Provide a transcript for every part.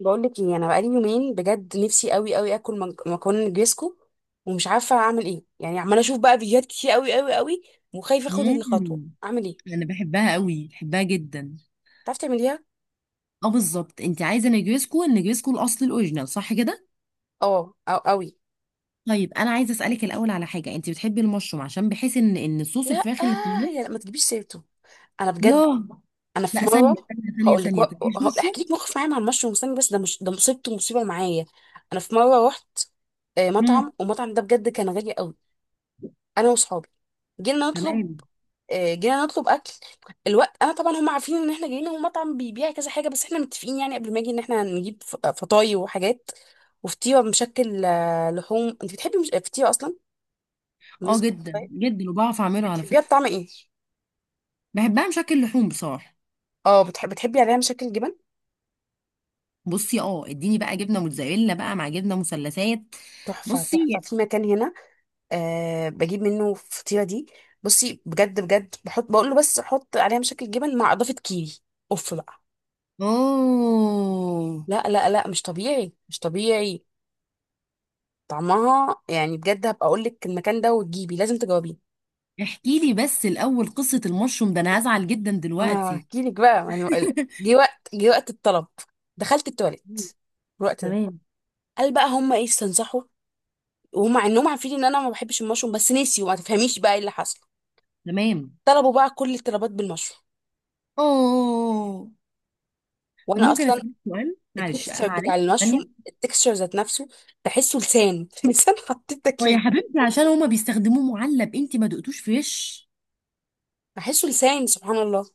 بقول لك ايه، انا بقالي يومين بجد نفسي قوي قوي اكل مكرونه نجريسكو، ومش عارفه اعمل ايه. يعني عماله اشوف بقى فيديوهات كتير قوي قوي قوي، وخايفه اخد الخطوه. مم. اعمل ايه؟ انا بحبها قوي، بحبها جدا. تعرفي تعمليها؟ اه، بالظبط، انت عايزه نجريسكو، النجريسكو الاصل الاوريجينال، صح كده؟ اه، او قوي. طيب، انا عايزه اسالك الاول على حاجه، انت بتحبي المشروم؟ عشان بحيث ان صوص لا، الفراخ اللي في آه، يا النص. لا، ما تجيبيش سيرته. انا بجد، ياه! انا في لا، ثانيه مره، ثانيه ثانيه هقول لك، ثانيه، بتكيش مشروم؟ احكي لك موقف معايا مع المشروم. استني بس، ده مش ده مصيبته، مصيبه معايا. انا في مره رحت امم. مطعم، والمطعم ده بجد كان غالي قوي. انا وصحابي جينا نطلب، تمام. جينا نطلب اكل الوقت. انا طبعا هم عارفين ان احنا جايين، هو مطعم بيبيع كذا حاجه، بس احنا متفقين يعني قبل ما اجي ان احنا هنجيب فطاي وحاجات. وفطيره مشكل لحوم. انت بتحبي مش... فطيره اصلا؟ اه، بالنسبه جدا للفطاي، جدا، وبعرف اعمله على بتحبيها فكره. بطعم ايه؟ بحبها مشكل لحوم بصراحه. اه، بتحبي عليها مشكل جبن. بصي، اه، اديني بقى جبنه موتزاريلا بقى مع جبنه مثلثات. تحفه، بصي. تحفه، في مكان هنا أه بجيب منه الفطيره دي. بصي بجد بجد بحط، بقول له بس حط عليها مشكل جبن مع اضافه كيري، اوف بقى. اوه. لا لا لا، مش طبيعي، مش طبيعي طعمها. يعني بجد هبقى اقول لك المكان ده وتجيبي، لازم تجاوبيه. احكي لي بس الأول قصة المشروم ده، أنا هزعل جدا ما دلوقتي. هحكي لك بقى ما أنا- ال- جه وقت الطلب، دخلت التواليت مم. الوقت ده. تمام. قال بقى هم ايه استنصحوا، ومع انهم عارفين ان انا ما بحبش المشروم، بس نسيوا. ما تفهميش بقى ايه اللي حصل، تمام. طلبوا بقى كل الطلبات بالمشروم. أوه. طب وانا ممكن اصلا أسألك سؤال، معلش التكستشر بتاع معلش، المشروم، ثانية. التكستشر ذات نفسه بحسه لسان لسان حطيت هو تاكليه، يا حبيبتي، عشان هما بيستخدموه معلب، أنت ما دقتوش فريش؟ بحسه لسان، سبحان الله.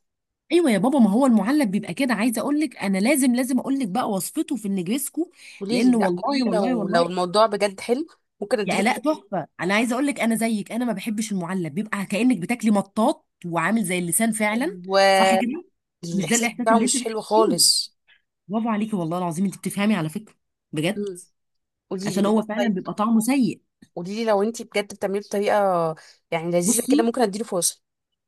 أيوة يا بابا، ما هو المعلب بيبقى كده. عايزة أقول لك، أنا لازم لازم أقول لك بقى وصفته في النجريسكو، قولي لي، لأن لا قولي والله لي، والله لو والله، الموضوع بجد حلو، ممكن يا اديله الاء تحفه. انا عايزه اقول لك، انا زيك، انا ما بحبش المعلب، بيبقى كانك بتاكلي مطاط وعامل زي اللسان فعلا، فرصة. صح كده؟ مش ده الاحساس الاحساس بتاعه اللي انت مش حلو بتحسيه؟ خالص. برافو عليكي والله العظيم، انت بتفهمي على فكره، بجد. امم، قولي لي، عشان قولي هو لي فعلا طيب. بيبقى طعمه سيء. قولي لي لو انت بجد بتعمليه بطريقه يعني لذيذه بصي، كده، ممكن اديله فرصه.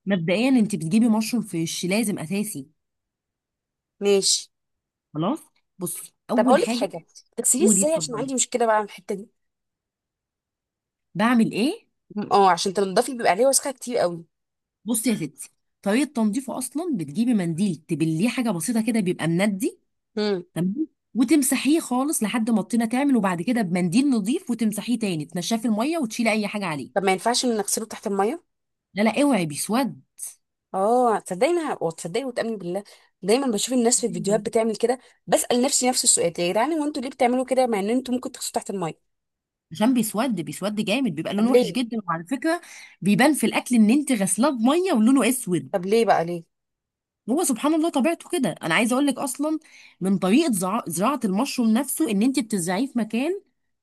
مبدئيا انت بتجيبي مشروم فيش لازم اساسي. ماشي. خلاص. بصي، طب اول اقول لك حاجه. حاجه، تغسليه قولي، ازاي؟ عشان اتفضلي. عندي مشكله بقى من الحته دي. بعمل ايه؟ اه، عشان تنضفي بيبقى عليه وسخه كتير قوي. بصي يا ستي، طريقه تنظيفه اصلا، بتجيبي منديل تبليه حاجه بسيطه كده، بيبقى مندي. امم. تمام. وتمسحيه خالص لحد ما الطينه تعمل، وبعد كده بمنديل نظيف وتمسحيه تاني، تنشفيه في الميه وتشيلي اي حاجه عليه. طب ما ينفعش ان نغسله تحت الميه؟ لا لا، اوعي، بيسود. اه، تصدقيني وتصدقي وتامني بالله، دايما بشوف الناس في الفيديوهات بتعمل كده. بسال نفسي نفس السؤال: يا جدعان، هو انتوا ليه بتعملوا كده مع ان انتوا ممكن تغسلوا تحت الميه؟ عشان بيسود بيسود جامد، بيبقى طب لونه وحش ليه؟ جدا. وعلى فكره، بيبان في الاكل ان انت غسلاه بميه ولونه اسود. طب ليه بقى ليه؟ هو سبحان الله طبيعته كده. انا عايزه اقول لك، اصلا من طريقه زراعه المشروم نفسه، ان انت بتزرعيه في مكان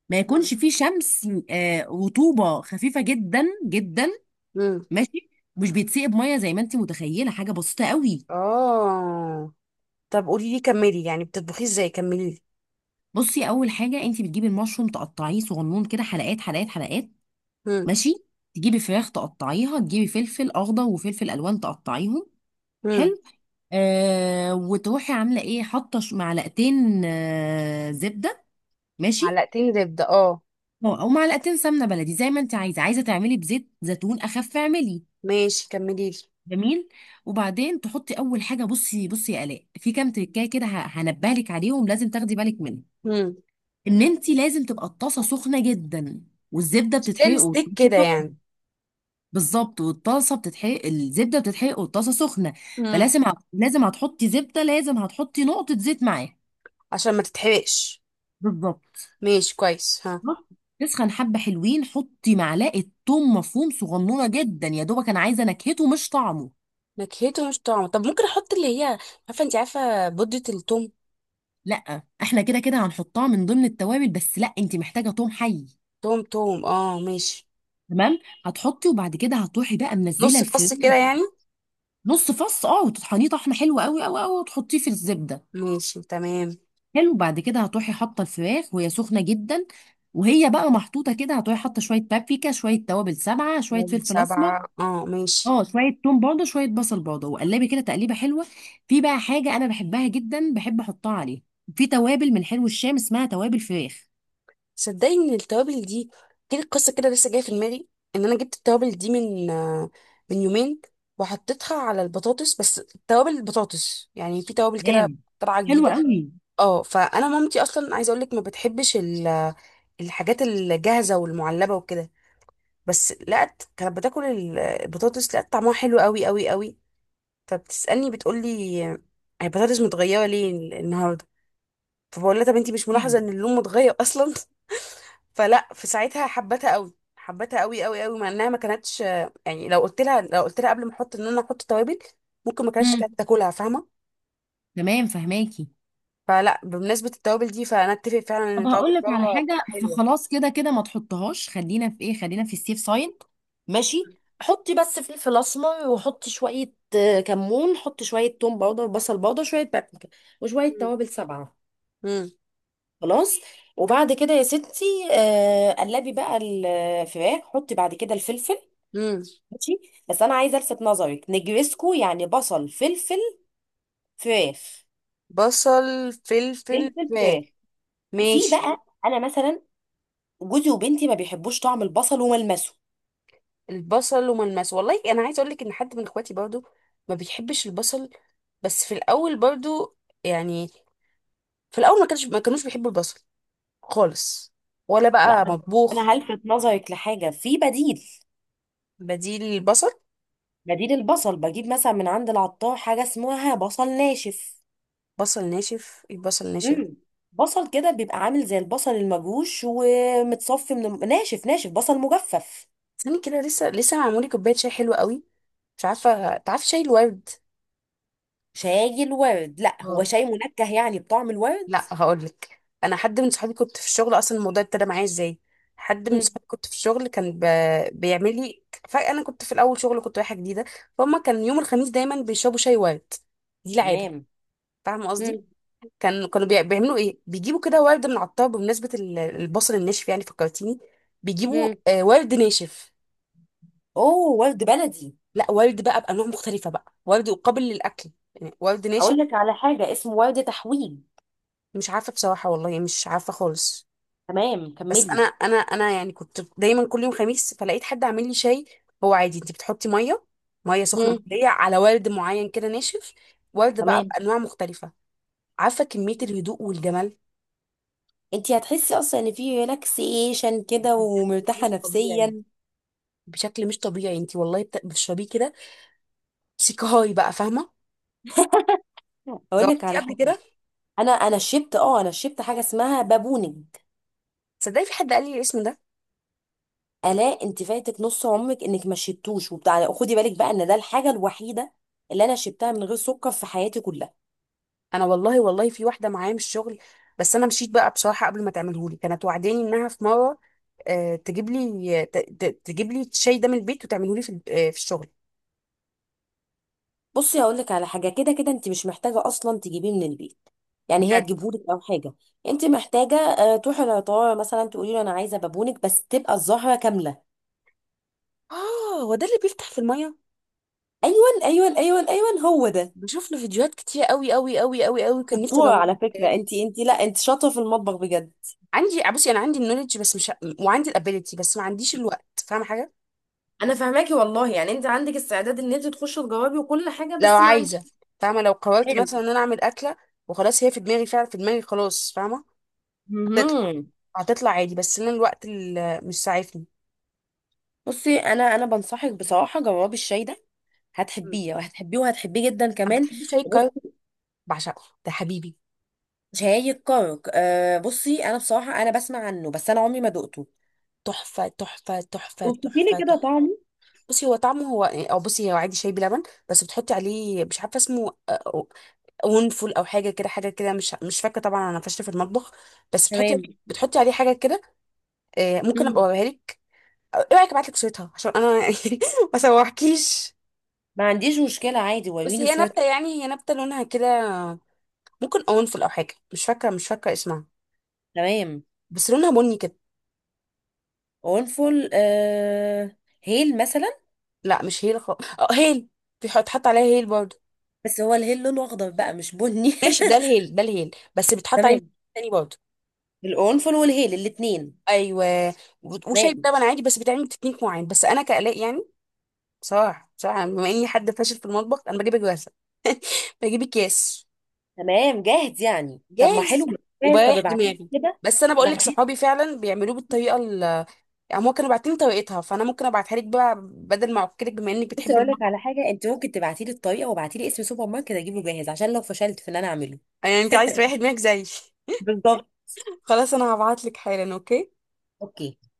ما امم. يكونش فيه شمس، رطوبه خفيفه جدا جدا. امم. ماشي. مش بيتسقي بميه زي ما انت متخيله، حاجه بسيطه قوي. اه. طب قولي لي كملي، يعني بتطبخيه ازاي؟ كملي لي. بصي، اول حاجه، انت بتجيبي المشروم تقطعيه صغنون كده، حلقات حلقات حلقات. هم. ماشي. تجيبي فراخ تقطعيها، تجيبي فلفل اخضر وفلفل الوان تقطعيهم. هم. حلو. آه، وتروحي عامله ايه، حاطه معلقتين زبده. ماشي. معلقتين زبدة اه، او أو معلقتين سمنه بلدي، زي ما انت عايزه، عايزه تعملي بزيت زيتون اخف اعملي. ماشي كملي لي. جميل. وبعدين تحطي اول حاجه، بصي بصي يا الاء، في كام تركايه كده هنبهلك عليهم، لازم تاخدي بالك منهم. هم. ان انت لازم تبقى الطاسه سخنه جدا، والزبده مش ده بتتحرق الستيك والطاسة كده سخنة. يعني؟ بالظبط، والطاسه بتتحرق، الزبده بتتحرق والطاسه سخنه. مم. فلازم لازم هتحطي زبده، لازم هتحطي نقطه زيت معاها. عشان ما تتحرقش. بالظبط. ماشي كويس. ها، تسخن حبه حلوين، حطي معلقه ثوم مفروم صغنونه جدا، يا دوبك، انا عايزه نكهته مش طعمه. نكهته مش طعمه. طب ممكن احط اللي هي، عارفه انت، عارفه بودة التوم؟ لا، احنا كده كده هنحطها من ضمن التوابل، بس لا، انت محتاجه ثوم حي. توم توم اه، ماشي. تمام. هتحطي، وبعد كده هتروحي بقى منزله نص فص كده الفرن. يعني؟ نص فص، اه، وتطحنيه طحنه حلوه قوي قوي قوي، وتحطيه في الزبده. ماشي، تمام. حلو. بعد كده هتروحي حاطه الفراخ وهي سخنه جدا، وهي بقى محطوطه كده هتروحي حاطه شويه بابريكا، شويه توابل سبعه، شويه طيب، فلفل اسمر. 7 اه، ماشي. اه، شويه توم برضه، شويه بصل برضه، وقلبي كده تقليبه حلوه. في بقى حاجه انا بحبها جدا، بحب احطها عليه. في توابل من حلو الشام اسمها توابل فراخ. صدقني ان التوابل دي، جيت القصه كده لسه جايه في دماغي، ان انا جبت التوابل دي من من يومين، وحطيتها على البطاطس بس. توابل البطاطس يعني، في توابل تمام. كده طالعه حلوه جديده. قوي. اه، فانا مامتي اصلا، عايزه اقول لك، ما بتحبش الحاجات الجاهزه والمعلبه وكده. بس لقت كانت بتاكل البطاطس، لقت طعمها حلو قوي قوي قوي. فبتسالني، بتقول لي: البطاطس متغيره ليه النهارده؟ فبقول لها: طب انتي مش ملاحظه تمام. ان اللون متغير اصلا؟ فلا، في ساعتها حبتها قوي، حبتها قوي قوي قوي مع انها ما كانتش. يعني لو قلت لها، لو قلت لها قبل ما احط، ان انا احط توابل، ممكن ما كانتش امم. كانت تاكلها، فاهمه. تمام، فهماكي. فلا، بمناسبه التوابل دي، فانا اتفق فعلا ان طب التوابل هقول لك على بره حاجه، بتبقى حلوه. فخلاص كده كده ما تحطهاش، خلينا في ايه، خلينا في السيف سايد. ماشي، حطي بس فلفل اسمر، وحطي شويه كمون، حطي شويه توم باودر، بصل باودر، شويه بابريكا، وشويه توابل سبعه. امم. خلاص. وبعد كده يا ستي، قلبي بقى الفراخ، حطي بعد كده الفلفل. امم. ماشي. بس انا عايزه الفت نظرك، نجرسكو يعني بصل، فلفل، فراخ. بصل، فلفل، فلفل، فلفل. فراخ. في ماشي. بقى، انا مثلا جوزي وبنتي ما بيحبوش طعم البصل وملمسه. البصل وملمس، والله انا عايزه اقول لك ان حد من اخواتي برضو ما بيحبش البصل، بس في الاول برضو يعني، في الاول ما كانوش بيحبوا البصل خالص، ولا لا بقى بس مطبوخ. انا هلفت نظرك لحاجه، في بديل. بديل البصل، بديل البصل، بجيب مثلا من عند العطار حاجه اسمها بصل ناشف. بصل ناشف، البصل ناشف. امم. بصل كده بيبقى عامل زي البصل المجروش ومتصفي من ناشف، ناشف، بصل مجفف. ثاني كده لسه معمولي كوبايه شاي حلوه قوي. مش عارفه، تعرف شاي الورد؟ شاي الورد، لا، هو اه، شاي منكه يعني بطعم الورد. لا هقول لك. انا حد من صحابي كنت في الشغل، اصلا الموضوع ابتدى معايا ازاي، حد من امم. صحابي كنت في الشغل كان بيعمل لي. فانا كنت في الاول شغل، كنت رايحه جديده، فهم كان يوم الخميس دايما بيشربوا شاي ورد، دي العاده. تمام. فاهمه قصدي، كانوا بيعملوا ايه، بيجيبوا كده ورد من العطار. بمناسبه البصل الناشف يعني فكرتيني. بيجيبوا امم. ورد ناشف. اوه، ورد بلدي. لا، ورد بقى بانواع مختلفه، بقى ورد قابل للاكل يعني، ورد ناشف. اقول لك على حاجه اسمه ورد تحويل. مش عارفه بصراحه والله، يعني مش عارفه خالص. تمام، بس انا، كملي. يعني كنت دايما كل يوم خميس، فلقيت حد عامل لي شاي. هو عادي، انت بتحطي ميه، ميه سخنه امم. مغليه على ورد معين كده ناشف. ورد بقى تمام. بانواع مختلفه. عارفه كميه الهدوء والجمال، انتي هتحسي اصلا ان في ريلاكسيشن كده، بشكل ومرتاحه مش طبيعي، نفسيا. بشكل مش طبيعي. انت والله بتشربيه كده سيكهاي بقى، فاهمه؟ اقول جوه، لك جربتيه على قبل حاجه، كده؟ انا شربت، اه، انا شربت حاجه اسمها بابونج. تصدقي في حد قال لي الاسم ده. الا، انت فايتك نص عمرك انك ما شربتوش وبتاع، خدي بالك بقى ان ده الحاجه الوحيده اللي انا شربتها من غير سكر في حياتي كلها. انا والله والله، في واحده معايا من الشغل، بس انا مشيت بقى بصراحه قبل ما تعمله لي. كانت وعداني انها في مره تجيب لي تجيب لي الشاي ده من البيت وتعمله لي في في الشغل. بصي، هقول لك على حاجه، كده كده انت مش محتاجه اصلا تجيبيه من البيت، يعني هي بجد. تجيبهولك او حاجه. انت محتاجه، تروحي العطار مثلا تقولي له انا عايزه بابونج، بس تبقى الزهره كامله. اه، هو ده اللي بيفتح في الميه. ايوه ايوه ايوه ايوه، هو ده. بشوف له فيديوهات كتير قوي قوي قوي قوي قوي، كان نفسي شطورة اجاوب على فكرة، تاني. انت انت لا انت شاطرة في المطبخ بجد. عندي، بصي انا عندي النولج بس مش، وعندي الابيليتي بس ما عنديش الوقت، فاهمه حاجه؟ انا فاهماكي والله، يعني انت عندك استعداد ان انت تخشي تجاوبي وكل حاجه، لو بس ما عندك عايزه، فاهمه؟ لو قررت مثلا كلام. ان انا اعمل اكله، وخلاص هي في دماغي، فعلا في دماغي خلاص، فاهمه؟ تطلع، مهم. هتطلع عادي، بس انا الوقت اللي مش ساعفني. بصي، انا بنصحك بصراحة، جربي الشاي ده، مم. هتحبيه وهتحبيه وهتحبيه جدا طب كمان. بتحبي شاي الكرك؟ بصي. بعشقه، ده حبيبي. شاي الكرك، بصي، انا بصراحة انا بسمع عنه، بس انا عمري ما دقته. تحفه تحفه تحفه وصفي لي تحفه كده تحفه. طعمه. بصي هو طعمه هو، او بصي، هو عادي شاي بلبن، بس بتحطي عليه، مش عارفه اسمه ونفول او حاجه كده، حاجه كده مش فاكره، طبعا انا فاشله في المطبخ، بس تمام. بتحطي عليه حاجه كده. ممكن ابقى مم. اوريها لك. أو ايه رايك ابعت لك صورتها عشان انا ما سوحكيش. ما عنديش مشكلة، عادي، بس وريني هي صورته. نبته، يعني هي نبته لونها كده، ممكن اونفول او حاجه، مش فاكره اسمها، تمام. بس لونها بني كده. قرنفل، آه. هيل مثلا. لا مش هيل خالص. اه، هيل بيتحط عليها هيل برضه. بس هو الهيل لونه اخضر بقى، مش بني. ماشي، ده الهيل، ده الهيل بس بيتحط عليه تمام، تاني برضه. القرنفل والهيل الاثنين. ايوه. وشاي تمام. بلبن عادي بس بيتعمل تكنيك معين، بس انا كالاء يعني بصراحه بما اني حد فاشل في المطبخ، انا بجيب جاهزه، بجيب اكياس تمام، جاهز يعني، طب ما حلو. جاهز جاهز. طب وبريح ابعتي دماغي. لي كده. بس انا بقول لك ابعتي لي. صحابي فعلا بيعملوه بالطريقه ال، يعني هما كانوا باعتين طريقتها فانا ممكن ابعتها لك بقى بدل ما اعكلك بما انك بصي، بتحبي اقول لك المطبخ. على حاجه، انت ممكن تبعتي لي الطريقه وابعتي لي اسم سوبر ماركت اجيبه جاهز، عشان لو فشلت في ان انا اعمله. يعني انت عايز تريحي دماغك زيي بالظبط. خلاص، انا هبعت لك حالا. اوكي. اوكي.